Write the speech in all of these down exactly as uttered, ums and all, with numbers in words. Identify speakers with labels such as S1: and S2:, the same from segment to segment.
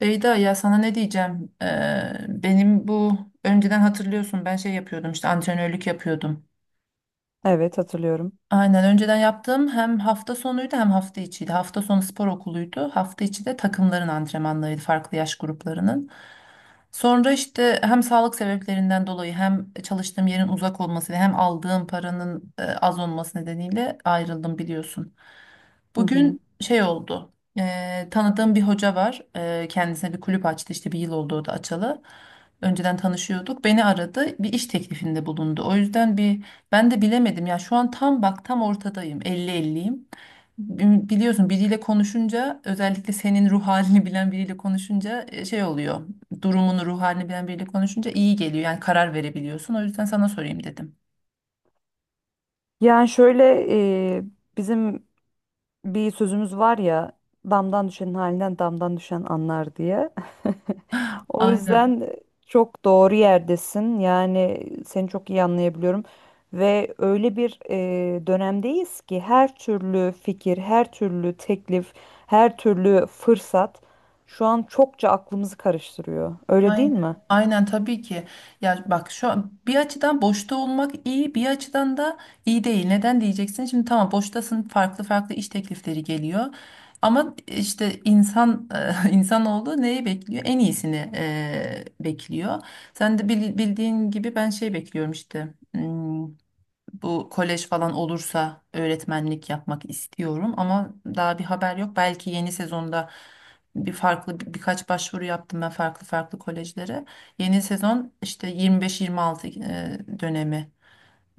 S1: Beyda ya sana ne diyeceğim? Ee, benim bu önceden hatırlıyorsun ben şey yapıyordum işte antrenörlük yapıyordum.
S2: Evet hatırlıyorum.
S1: Aynen önceden yaptığım hem hafta sonuydu hem hafta içiydi. Hafta sonu spor okuluydu. Hafta içi de takımların antrenmanlarıydı farklı yaş gruplarının. Sonra işte hem sağlık sebeplerinden dolayı hem çalıştığım yerin uzak olması ve hem aldığım paranın e, az olması nedeniyle ayrıldım biliyorsun.
S2: Hı hı.
S1: Bugün şey oldu. Eee, tanıdığım bir hoca var. Eee, kendisine bir kulüp açtı. İşte bir yıl oldu o da açalı. Önceden tanışıyorduk. Beni aradı. Bir iş teklifinde bulundu. O yüzden bir ben de bilemedim. Ya şu an tam bak tam ortadayım. Elli elliyim. Bi- Biliyorsun biriyle konuşunca, özellikle senin ruh halini bilen biriyle konuşunca e, şey oluyor. Durumunu, ruh halini bilen biriyle konuşunca iyi geliyor. Yani karar verebiliyorsun. O yüzden sana sorayım dedim.
S2: Yani şöyle, e, bizim bir sözümüz var ya, damdan düşenin halinden damdan düşen anlar diye. O
S1: Aynen.
S2: yüzden çok doğru yerdesin. Yani seni çok iyi anlayabiliyorum. Ve öyle bir e, dönemdeyiz ki her türlü fikir, her türlü teklif, her türlü fırsat şu an çokça aklımızı karıştırıyor. Öyle değil
S1: Aynen.
S2: mi?
S1: Aynen tabii ki. Ya bak, şu an bir açıdan boşta olmak iyi, bir açıdan da iyi değil. Neden diyeceksin? Şimdi tamam, boştasın, farklı farklı iş teklifleri geliyor. Ama işte insan insanoğlu neyi bekliyor? En iyisini e, bekliyor. Sen de bil- bildiğin gibi ben şey bekliyorum işte. Hmm, bu kolej falan olursa öğretmenlik yapmak istiyorum ama daha bir haber yok. Belki yeni sezonda bir farklı bir- birkaç başvuru yaptım ben farklı farklı kolejlere. Yeni sezon işte yirmi beş yirmi altı e, dönemi.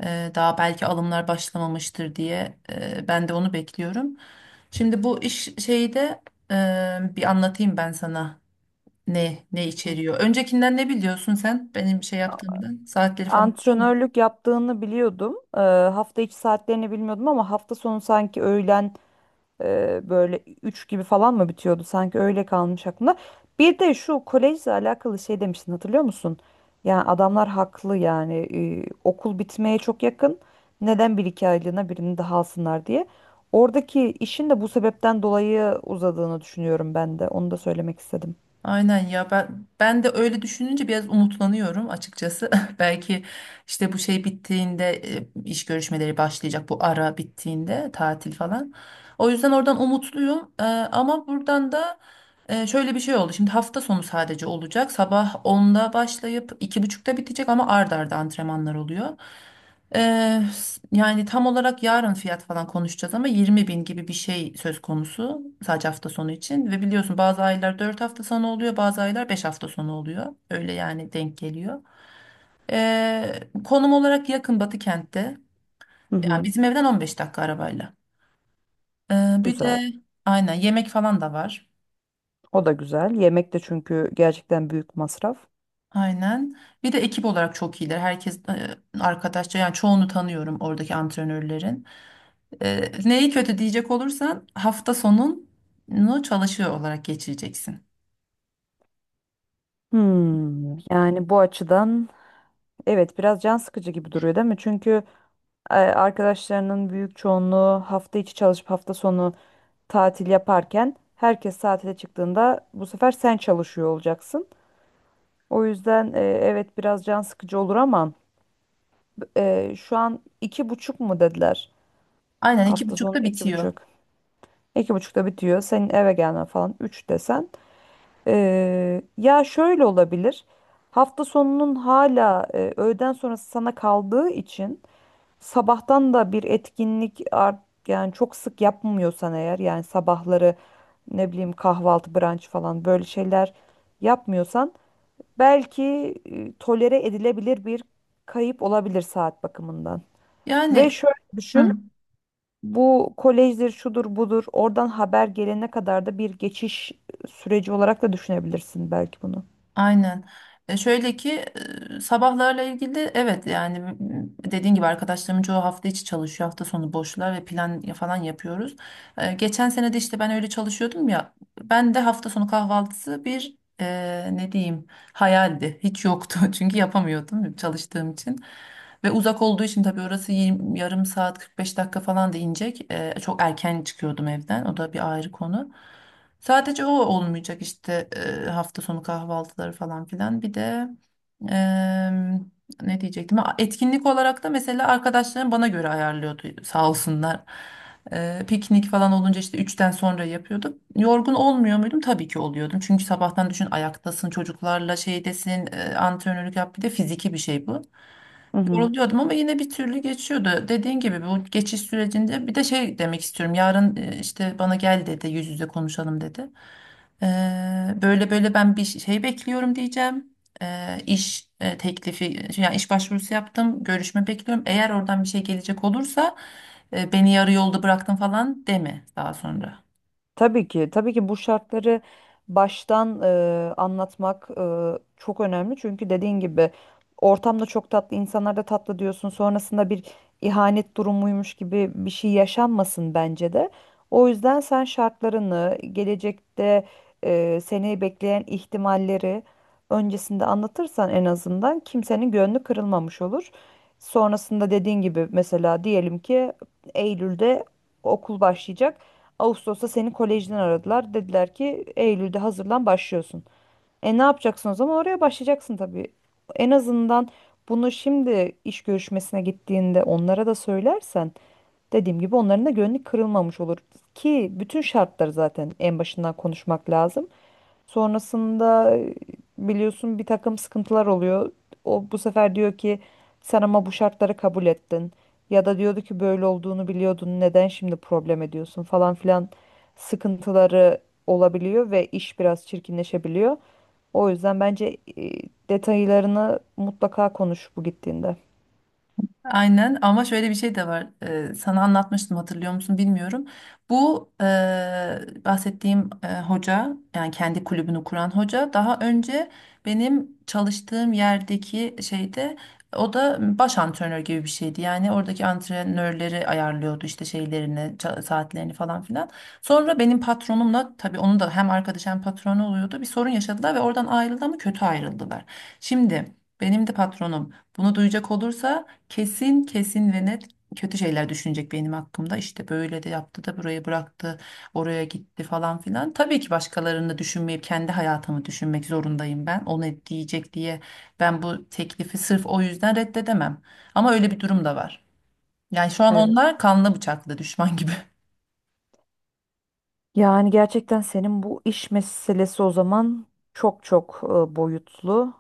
S1: E, Daha belki alımlar başlamamıştır diye e, ben de onu bekliyorum. Şimdi bu iş şeyi de e, bir anlatayım ben sana ne ne
S2: Hı.
S1: içeriyor. Öncekinden ne biliyorsun sen benim şey yaptığımdan? Saatleri falan biliyor.
S2: Antrenörlük yaptığını biliyordum. Eee, hafta içi saatlerini bilmiyordum ama hafta sonu sanki öğlen eee, böyle üç gibi falan mı bitiyordu? Sanki öyle kalmış aklımda. Bir de şu kolejle alakalı şey demiştin, hatırlıyor musun? Yani adamlar haklı, yani eee, okul bitmeye çok yakın. Neden bir iki aylığına birini daha alsınlar diye. Oradaki işin de bu sebepten dolayı uzadığını düşünüyorum ben de. Onu da söylemek istedim.
S1: Aynen ya ben ben de öyle düşününce biraz umutlanıyorum açıkçası. Belki işte bu şey bittiğinde e, iş görüşmeleri başlayacak, bu ara bittiğinde, tatil falan. O yüzden oradan umutluyum. Ee, ama buradan da e, şöyle bir şey oldu. Şimdi hafta sonu sadece olacak. Sabah onda başlayıp iki buçukta bitecek ama ard arda antrenmanlar oluyor. Eee, yani tam olarak yarın fiyat falan konuşacağız ama yirmi bin gibi bir şey söz konusu, sadece hafta sonu için. Ve biliyorsun, bazı aylar dört hafta sonu oluyor, bazı aylar beş hafta sonu oluyor, öyle yani denk geliyor. Eee, konum olarak yakın, Batı kentte,
S2: Hı
S1: yani
S2: hı,
S1: bizim evden on beş dakika arabayla. Eee, bir
S2: güzel.
S1: de aynen, yemek falan da var.
S2: O da güzel. Yemek de, çünkü gerçekten büyük masraf.
S1: Aynen, bir de ekip olarak çok iyiler, herkes eee, arkadaşça. Yani çoğunu tanıyorum oradaki antrenörlerin. Ee, neyi kötü diyecek olursan, hafta sonunu çalışıyor olarak geçireceksin.
S2: Hmm, yani bu açıdan evet, biraz can sıkıcı gibi duruyor değil mi? Çünkü e, arkadaşlarının büyük çoğunluğu hafta içi çalışıp hafta sonu tatil yaparken, herkes tatile çıktığında bu sefer sen çalışıyor olacaksın. O yüzden e, evet, biraz can sıkıcı olur ama e, şu an iki buçuk mu dediler?
S1: Aynen, iki
S2: Hafta sonu
S1: buçukta
S2: iki
S1: bitiyor.
S2: buçuk. İki buçukta bitiyor. Senin eve gelmen falan üç desen. Ee, ya şöyle olabilir. Hafta sonunun hala e, öğleden sonrası sana kaldığı için sabahtan da bir etkinlik art, yani çok sık yapmıyorsan eğer, yani sabahları ne bileyim kahvaltı, brunch falan, böyle şeyler yapmıyorsan belki e, tolere edilebilir bir kayıp olabilir saat bakımından. Ve
S1: Yani,
S2: şöyle
S1: hı.
S2: düşün. Bu kolejdir, şudur, budur. Oradan haber gelene kadar da bir geçiş süreci olarak da düşünebilirsin belki bunu.
S1: Aynen. E şöyle ki e, sabahlarla ilgili, evet, yani m- dediğin gibi arkadaşlarımın çoğu hafta içi çalışıyor. Hafta sonu boşlar ve plan ya- falan yapıyoruz. E, geçen sene de işte ben öyle çalışıyordum ya. Ben de hafta sonu kahvaltısı bir e, ne diyeyim, hayaldi. Hiç yoktu çünkü yapamıyordum çalıştığım için. Ve uzak olduğu için tabii, orası yirmi- yarım saat kırk beş dakika falan da inecek. E, çok erken çıkıyordum evden. O da bir ayrı konu. Sadece o olmayacak işte, e, hafta sonu kahvaltıları falan filan. Bir de e, ne diyecektim? Ha, etkinlik olarak da mesela arkadaşlarım bana göre ayarlıyordu, sağ olsunlar. E, piknik falan olunca işte üçten sonra yapıyorduk. Yorgun olmuyor muydum? Tabii ki oluyordum. Çünkü sabahtan düşün, ayaktasın, çocuklarla şeydesin, e, antrenörlük yap, bir de fiziki bir şey bu,
S2: Hı hı.
S1: yoruluyordum. Ama yine bir türlü geçiyordu. Dediğin gibi bu geçiş sürecinde bir de şey demek istiyorum. Yarın e, işte, bana gel dedi, yüz yüze konuşalım dedi. Ee, böyle böyle ben bir şey bekliyorum diyeceğim. Ee, iş e, teklifi, şey, yani iş başvurusu yaptım, görüşme bekliyorum. Eğer oradan bir şey gelecek olursa e, beni yarı yolda bıraktın falan deme daha sonra.
S2: Tabii ki, tabii ki bu şartları baştan e, anlatmak e, çok önemli. Çünkü dediğin gibi ortamda çok tatlı, insanlar da tatlı diyorsun. Sonrasında bir ihanet durumuymuş gibi bir şey yaşanmasın bence de. O yüzden sen şartlarını, gelecekte e, seni bekleyen ihtimalleri öncesinde anlatırsan, en azından kimsenin gönlü kırılmamış olur. Sonrasında dediğin gibi mesela diyelim ki Eylül'de okul başlayacak. Ağustos'ta seni kolejden aradılar. Dediler ki Eylül'de hazırlan, başlıyorsun. E, ne yapacaksın o zaman? Oraya başlayacaksın tabii. En azından bunu şimdi iş görüşmesine gittiğinde onlara da söylersen, dediğim gibi, onların da gönlü kırılmamış olur. Ki bütün şartları zaten en başından konuşmak lazım. Sonrasında e, biliyorsun bir takım sıkıntılar oluyor. O bu sefer diyor ki sen ama bu şartları kabul ettin. Ya da diyordu ki böyle olduğunu biliyordun, neden şimdi problem ediyorsun falan filan, sıkıntıları olabiliyor ve iş biraz çirkinleşebiliyor. O yüzden bence e, detaylarını mutlaka konuş bu gittiğinde.
S1: Aynen, ama şöyle bir şey de var. Ee, sana anlatmıştım, hatırlıyor musun bilmiyorum. Bu e, bahsettiğim e, hoca, yani kendi kulübünü kuran hoca, daha önce benim çalıştığım yerdeki şeyde o da baş antrenör gibi bir şeydi. Yani oradaki antrenörleri ayarlıyordu işte, şeylerini, ça- saatlerini falan filan. Sonra benim patronumla tabii, onun da hem arkadaş hem patronu oluyordu. Bir sorun yaşadılar ve oradan ayrıldı ama kötü ayrıldılar. Şimdi benim de patronum bunu duyacak olursa kesin kesin ve net kötü şeyler düşünecek benim hakkımda. İşte böyle de yaptı da burayı bıraktı, oraya gitti falan filan. Tabii ki başkalarını da düşünmeyip kendi hayatımı düşünmek zorundayım ben. O ne diyecek diye ben bu teklifi sırf o yüzden reddedemem. Ama öyle bir durum da var. Yani şu an
S2: Evet.
S1: onlar kanlı bıçaklı düşman gibi.
S2: Yani gerçekten senin bu iş meselesi o zaman çok çok e, boyutlu.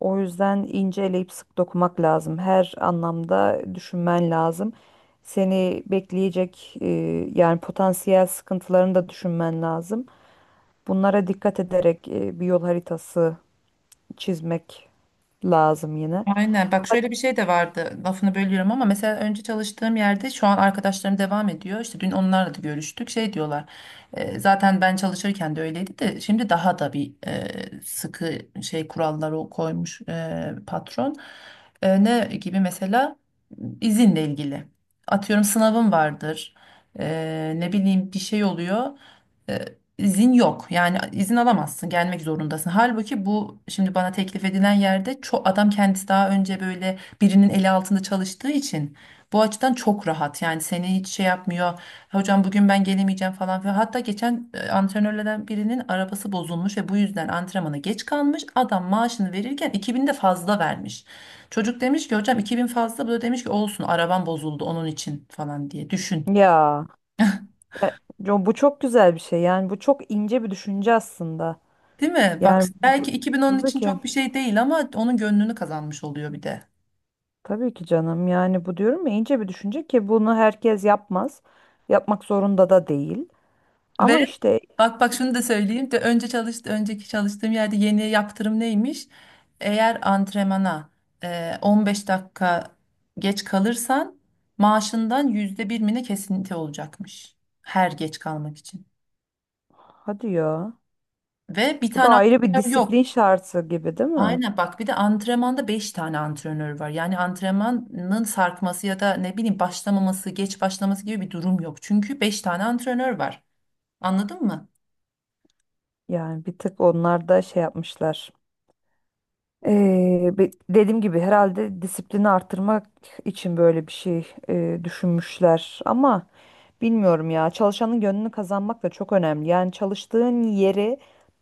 S2: O yüzden ince eleyip sık dokumak lazım. Her anlamda düşünmen lazım. Seni bekleyecek e, yani potansiyel sıkıntılarını da düşünmen lazım. Bunlara dikkat ederek e, bir yol haritası çizmek lazım yine.
S1: Aynen, bak, şöyle bir şey de vardı, lafını bölüyorum ama mesela önce çalıştığım yerde şu an arkadaşlarım devam ediyor, işte dün onlarla da görüştük, şey diyorlar: e, zaten ben çalışırken de öyleydi de şimdi daha da bir e, sıkı şey, kuralları o koymuş e, patron. E, ne gibi mesela? İzinle ilgili, atıyorum, sınavım vardır, E, ne bileyim bir şey oluyor, izin yok. Yani izin alamazsın, gelmek zorundasın. Halbuki bu şimdi bana teklif edilen yerde, çok, adam kendisi daha önce böyle birinin eli altında çalıştığı için bu açıdan çok rahat. Yani seni hiç şey yapmıyor. Hocam bugün ben gelemeyeceğim falan filan. Hatta geçen e, antrenörlerden birinin arabası bozulmuş ve bu yüzden antrenmana geç kalmış. Adam maaşını verirken iki bin de fazla vermiş. Çocuk demiş ki, hocam iki bin fazla. Bu da demiş ki, olsun, arabam bozuldu onun için falan diye düşün.
S2: Ya, e, co- bu çok güzel bir şey. Yani bu çok ince bir düşünce aslında.
S1: Değil mi? Bak,
S2: Yani
S1: belki
S2: bu-
S1: iki bin onun
S2: tabii
S1: için
S2: ki,
S1: çok bir şey değil ama onun gönlünü kazanmış oluyor bir de.
S2: tabii ki canım. Yani bu diyorum ya, ince bir düşünce ki bunu herkes yapmaz. Yapmak zorunda da değil.
S1: Ve
S2: Ama işte
S1: bak bak, şunu da söyleyeyim de, önce çalıştı önceki çalıştığım yerde yeni yaptırım neymiş? Eğer antrenmana e, on beş dakika geç kalırsan maaşından yüzde birine kesinti olacakmış. Her geç kalmak için.
S2: hadi ya.
S1: Ve bir
S2: Bu da
S1: tane
S2: ayrı bir
S1: antrenör yok.
S2: disiplin şartı gibi değil mi?
S1: Aynen, bak, bir de antrenmanda beş tane antrenör var. Yani antrenmanın sarkması ya da ne bileyim başlamaması, geç başlaması gibi bir durum yok. Çünkü beş tane antrenör var. Anladın mı?
S2: Yani bir tık onlar da şey yapmışlar. Ee, be- dediğim gibi, herhalde disiplini arttırmak için böyle bir şey e, düşünmüşler. Ama bilmiyorum ya, çalışanın gönlünü kazanmak da çok önemli. Yani çalıştığın yeri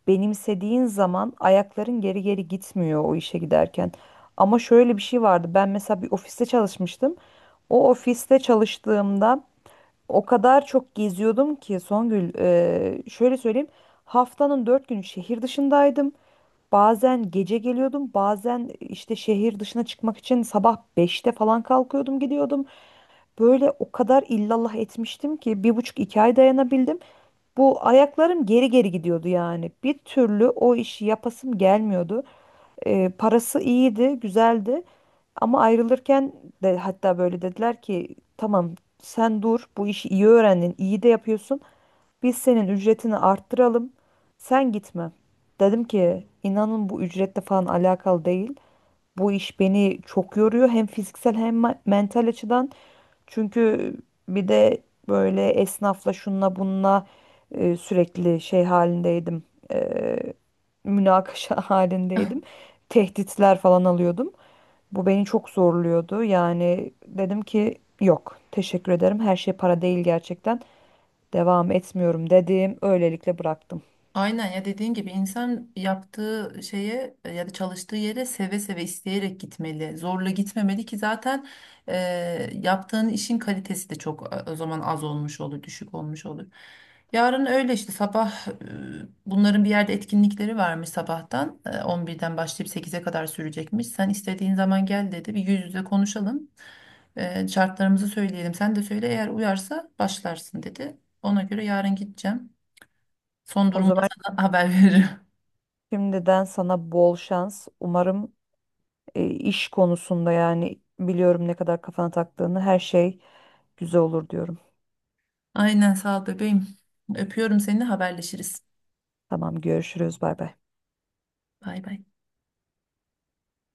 S2: benimsediğin zaman ayakların geri geri gitmiyor o işe giderken. Ama şöyle bir şey vardı. Ben mesela bir ofiste çalışmıştım. O ofiste çalıştığımda o kadar çok geziyordum ki Songül, eee, şöyle söyleyeyim. Haftanın dört günü şehir dışındaydım. Bazen gece geliyordum, bazen işte şehir dışına çıkmak için sabah beşte falan kalkıyordum, gidiyordum. Böyle o kadar illallah etmiştim ki bir buçuk iki ay dayanabildim. Bu ayaklarım geri geri gidiyordu yani. Bir türlü o işi yapasım gelmiyordu. E, parası iyiydi, güzeldi. Ama ayrılırken de hatta böyle dediler ki tamam, sen dur, bu işi iyi öğrendin, iyi de yapıyorsun. Biz senin ücretini arttıralım. Sen gitme. Dedim ki inanın bu ücretle falan alakalı değil. Bu iş beni çok yoruyor hem fiziksel hem me- mental açıdan. Çünkü bir de böyle esnafla şunla bununla e, sürekli şey halindeydim. E, münakaşa halindeydim. Tehditler falan alıyordum. Bu beni çok zorluyordu. Yani dedim ki yok, teşekkür ederim. Her şey para değil gerçekten. Devam etmiyorum dedim. Öylelikle bıraktım.
S1: Aynen ya, dediğin gibi, insan yaptığı şeye e, ya da çalıştığı yere seve seve, isteyerek gitmeli. Zorla gitmemeli ki zaten e, yaptığın işin kalitesi de çok e, o zaman az olmuş olur, düşük olmuş olur. Yarın öyle işte, sabah e, bunların bir yerde etkinlikleri varmış, sabahtan E, on birden başlayıp sekize kadar sürecekmiş. Sen istediğin zaman gel dedi, bir yüz yüze konuşalım. E, şartlarımızı söyleyelim, sen de söyle, eğer uyarsa başlarsın dedi. Ona göre yarın gideceğim. Son
S2: O
S1: durumda
S2: zaman
S1: sana haber veririm.
S2: şimdiden sana bol şans. Umarım e, iş konusunda, yani biliyorum ne kadar kafana taktığını, her şey güzel olur diyorum.
S1: Aynen, sağ ol bebeğim. Öpüyorum seni, haberleşiriz.
S2: Tamam, görüşürüz, bay bay.
S1: Bay bay.